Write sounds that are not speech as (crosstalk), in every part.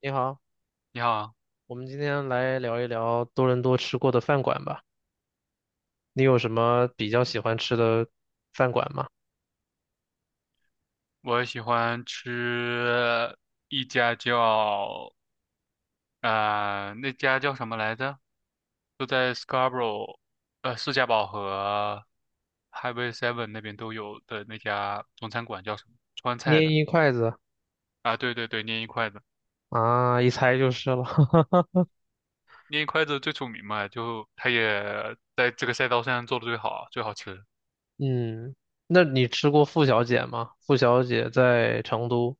你好，你好，我们今天来聊一聊多伦多吃过的饭馆吧。你有什么比较喜欢吃的饭馆吗？我喜欢吃一家叫那家叫什么来着？就在 Scarborough，士嘉堡和 Highway Seven 那边都有的那家中餐馆叫什么？川菜捏的。一筷子啊，对对对，捏一筷子，啊，一猜就是了。(laughs) 捏一筷子最出名嘛，就它也在这个赛道上做的最好，最好吃。嗯，那你吃过傅小姐吗？傅小姐在成都。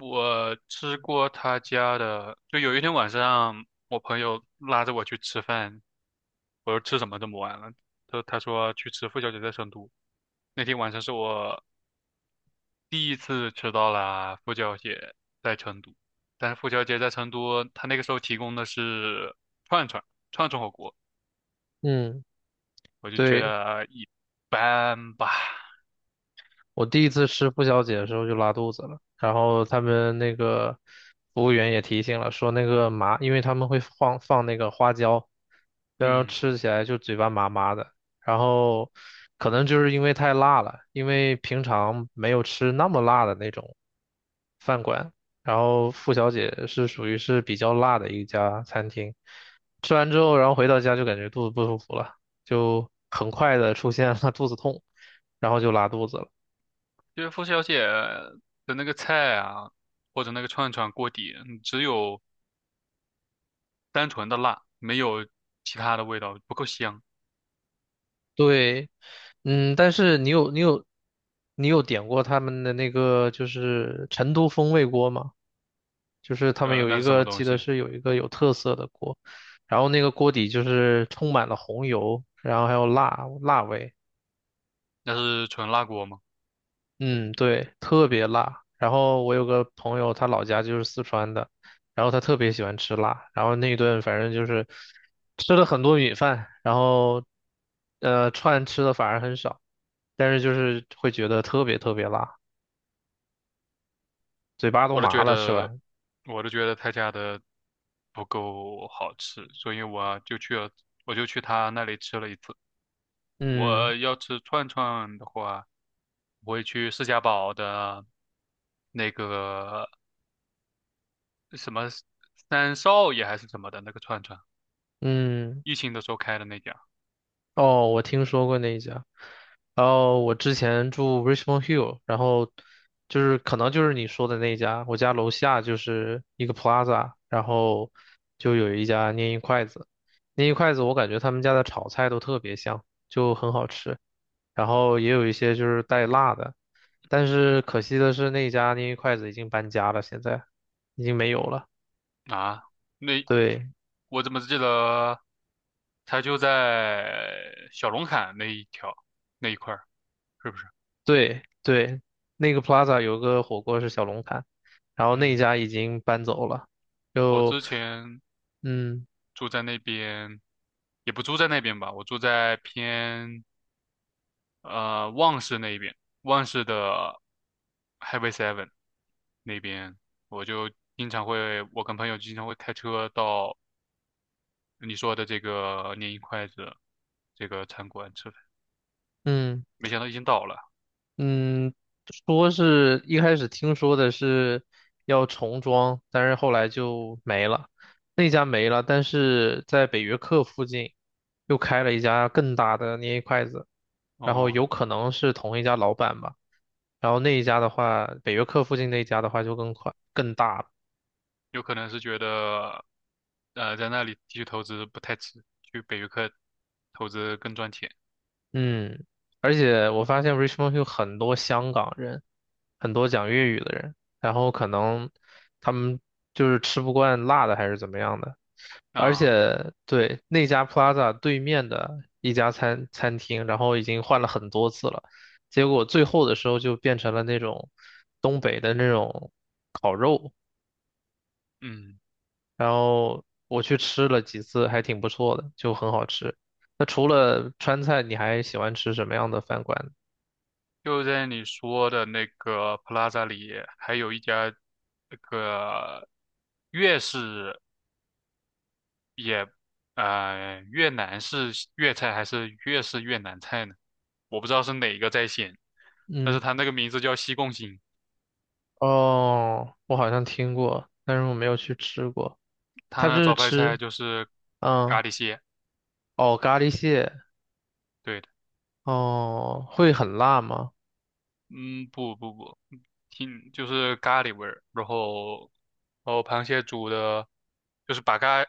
我吃过他家的，就有一天晚上，我朋友拉着我去吃饭，我说吃什么这么晚了？他说去吃傅小姐在成都。那天晚上是我第一次吃到了傅小姐在成都，但是傅小姐在成都，她那个时候提供的是串串串串火锅，嗯，我就觉对，得一般吧。我第一次吃付小姐的时候就拉肚子了，然后他们那个服务员也提醒了，说那个麻，因为他们会放那个花椒，然后嗯，吃起来就嘴巴麻麻的，然后可能就是因为太辣了，因为平常没有吃那么辣的那种饭馆，然后付小姐是属于是比较辣的一家餐厅，吃完之后，然后回到家就感觉肚子不舒服了，就很快的出现了 (laughs) 肚子痛，然后就拉肚子了。就是傅小姐的那个菜啊，或者那个串串锅底，嗯只有单纯的辣，没有其他的味道，不够香。对，嗯，但是你有点过他们的那个就是成都风味锅吗？就是他们有那一是什个么东记得西？是有一个有特色的锅，然后那个锅底就是充满了红油，然后还有辣味。那是纯辣锅吗？嗯，对，特别辣。然后我有个朋友，他老家就是四川的，然后他特别喜欢吃辣，然后那一顿反正就是吃了很多米饭，然后串吃的反而很少，但是就是会觉得特别特别辣，嘴巴都我都麻觉了，吃得，完。我都觉得他家的不够好吃，所以我就去了，我就去他那里吃了一次。嗯我要吃串串的话，我会去释家堡的那个什么三少爷还是什么的那个串串，嗯。疫情的时候开的那家。哦，我听说过那一家。然后我之前住 Richmond Hill，然后就是可能就是你说的那一家，我家楼下就是一个 Plaza，然后就有一家拈一筷子，拈一筷子我感觉他们家的炒菜都特别香，就很好吃，然后也有一些就是带辣的，但是可惜的是那一家拈一筷子已经搬家了，现在已经没有了，啊，那对，我怎么记得？它就在小龙坎那一条那一块儿，是不是？对对，那个 Plaza 有个火锅是小龙坎，然后那嗯，家已经搬走了。我就之前嗯住在那边，也不住在那边吧，我住在偏旺市那一边，旺市的 HIGHY Seven 那边，我就经常会，我跟朋友经常会开车到你说的这个年一筷子这个餐馆吃饭，嗯没想到已经倒了。嗯，说是一开始听说的是要重装，但是后来就没了。那家没了，但是在北约克附近又开了一家更大的捏筷子，然后哦，有可能是同一家老板吧。然后那一家的话，北约克附近那一家的话就更快更大了。有可能是觉得在那里继续投资不太值，去北约克投资更赚钱。嗯，而且我发现 Richmond 有很多香港人，很多讲粤语的人，然后可能他们就是吃不惯辣的还是怎么样的。而啊，且对那家 Plaza 对面的一家餐厅，然后已经换了很多次了，结果最后的时候就变成了那种东北的那种烤肉，嗯，然后我去吃了几次，还挺不错的，就很好吃。那除了川菜，你还喜欢吃什么样的饭馆呢？就在你说的那个 Plaza 里，还有一家那个粤式也，呃，越南式粤菜还是粤式越南菜呢？我不知道是哪个在先，但嗯。是它那个名字叫西贡星，哦，我好像听过，但是我没有去吃过。它它那是招牌菜吃，就是嗯，咖喱蟹。哦，咖喱蟹，对，的。哦，会很辣吗？嗯，不不不，挺就是咖喱味儿，然后螃蟹煮的，就是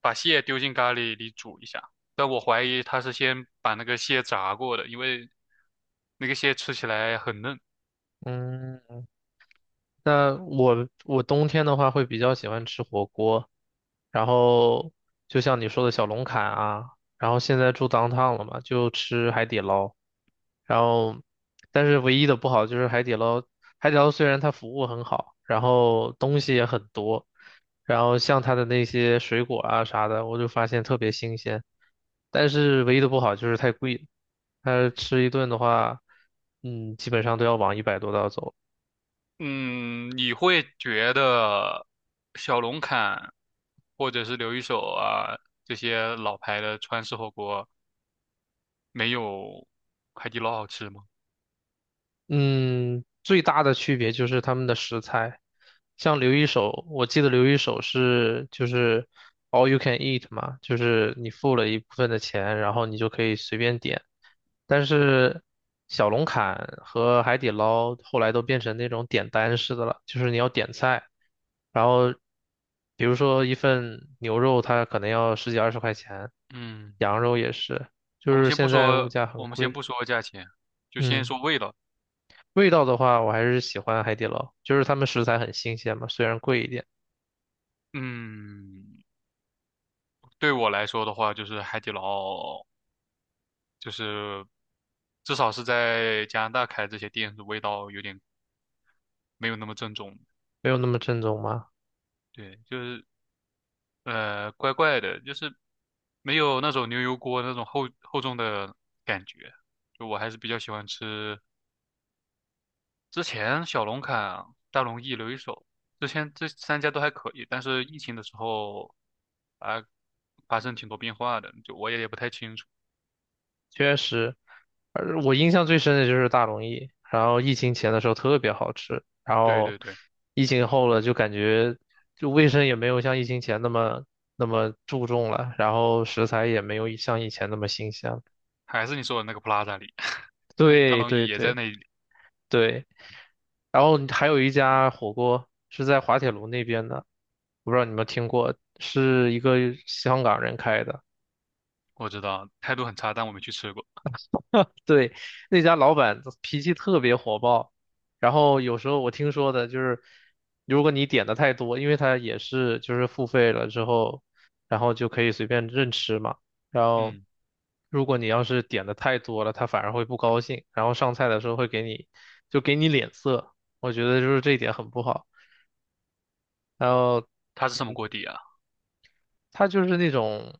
把蟹丢进咖喱里煮一下，但我怀疑他是先把那个蟹炸过的，因为那个蟹吃起来很嫩。嗯，那我冬天的话会比较喜欢吃火锅，然后就像你说的小龙坎啊，然后现在住 downtown 了嘛，就吃海底捞，然后但是唯一的不好就是海底捞，海底捞虽然它服务很好，然后东西也很多，然后像它的那些水果啊啥的，我就发现特别新鲜，但是唯一的不好就是太贵了，它吃一顿的话，嗯，基本上都要往100多刀走。嗯，你会觉得小龙坎或者是刘一手啊这些老牌的川式火锅没有海底捞好吃吗？嗯，最大的区别就是他们的食材，像刘一手，我记得刘一手是就是 all you can eat 嘛，就是你付了一部分的钱，然后你就可以随便点。但是小龙坎和海底捞后来都变成那种点单式的了，就是你要点菜，然后比如说一份牛肉它可能要十几二十块钱，嗯。羊肉也是，就我们是先不现在物说，价很我们先贵，不说价钱，就先嗯。说味道。味道的话，我还是喜欢海底捞，就是他们食材很新鲜嘛，虽然贵一点，嗯，对我来说的话，就是海底捞，就是至少是在加拿大开这些店，味道有点没有那么正宗。没有那么正宗嘛。对，就是怪怪的，就是没有那种牛油锅那种厚厚重的感觉。就我还是比较喜欢吃之前小龙坎、大龙燚、留一手，之前这三家都还可以，但是疫情的时候啊，发生挺多变化的，就我也不太清楚。确实，而我印象最深的就是大龙燚，然后疫情前的时候特别好吃，然对后对对，疫情后了就感觉就卫生也没有像疫情前那么注重了，然后食材也没有像以前那么新鲜了还是你说的那个 Plaza 里，(laughs) 大对龙对燚也在对那里，对，然后还有一家火锅是在滑铁卢那边的，我不知道你们听过，是一个香港人开的。我知道态度很差，但我没去吃过。对，那家老板脾气特别火爆，然后有时候我听说的就是，如果你点的太多，因为他也是就是付费了之后，然后就可以随便任吃嘛。然后嗯，如果你要是点的太多了，他反而会不高兴，然后上菜的时候会给你就给你脸色，我觉得就是这一点很不好。然后它是什么锅底啊？他就是那种，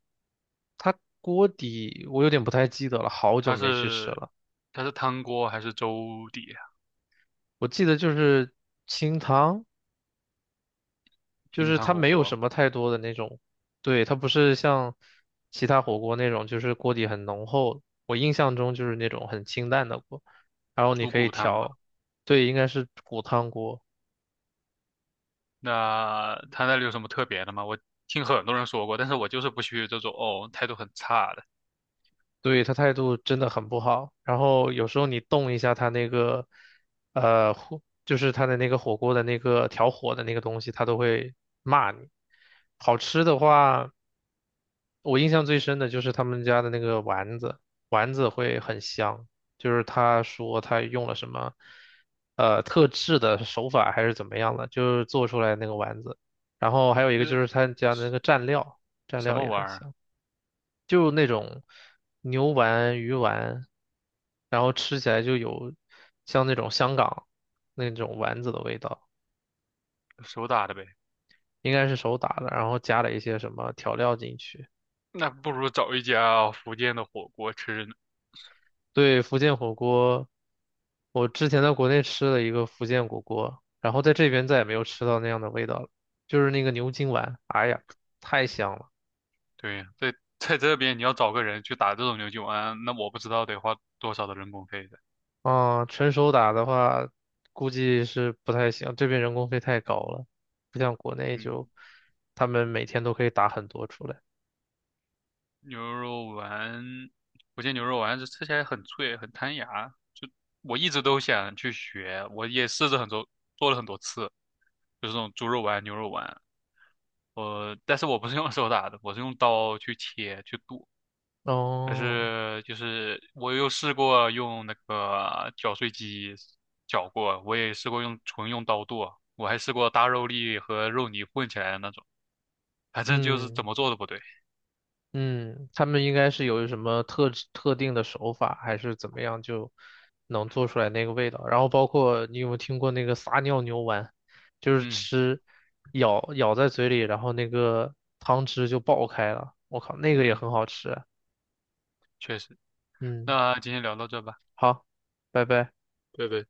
他锅底我有点不太记得了，好久它没去吃是了。它是汤锅还是粥底啊？我记得就是清汤，就清是汤它火没有锅，什么太多的那种，对，它不是像其他火锅那种，就是锅底很浓厚。我印象中就是那种很清淡的锅，然后你猪可以骨汤吧？调，对，应该是骨汤锅，那它那里有什么特别的吗？我听很多人说过，但是我就是不去这种哦态度很差的。对，他态度真的很不好。然后有时候你动一下他那个，火，就是他的那个火锅的那个调火的那个东西，他都会骂你。好吃的话。我印象最深的就是他们家的那个丸子，丸子会很香。就是他说他用了什么，特制的手法还是怎么样的，就是做出来那个丸子。然后还有一个就是呃他家的那个蘸料，蘸什料么也玩很意儿，香，就那种牛丸、鱼丸，然后吃起来就有像那种香港那种丸子的味道，手打的呗。应该是手打的，然后加了一些什么调料进去。那不如找一家福建的火锅吃呢。对，福建火锅，我之前在国内吃了一个福建火锅，然后在这边再也没有吃到那样的味道了，就是那个牛筋丸，哎呀，太香了。对，在这边你要找个人去打这种牛筋丸，那我不知道得花多少的人工费的。啊、纯手打的话，估计是不太行，这边人工费太高了，不像国内嗯，就他们每天都可以打很多出来。牛肉丸，福建牛肉丸是吃起来很脆，很弹牙。我一直都想去学，我也试着很多做了很多次，就是这种猪肉丸、牛肉丸。呃，但是我不是用手打的，我是用刀去切去剁。但哦，是就是我又试过用那个绞碎机绞过，我也试过用纯用刀剁，我还试过大肉粒和肉泥混起来的那种，反正就是怎嗯。么做都不对。嗯，他们应该是有什么特制特定的手法，还是怎么样就能做出来那个味道？然后包括你有没有听过那个撒尿牛丸，就是嗯吃咬咬在嘴里，然后那个汤汁就爆开了。我靠，那个也嗯，很好吃啊。确实。嗯，那今天聊到这吧，好，拜拜。拜拜。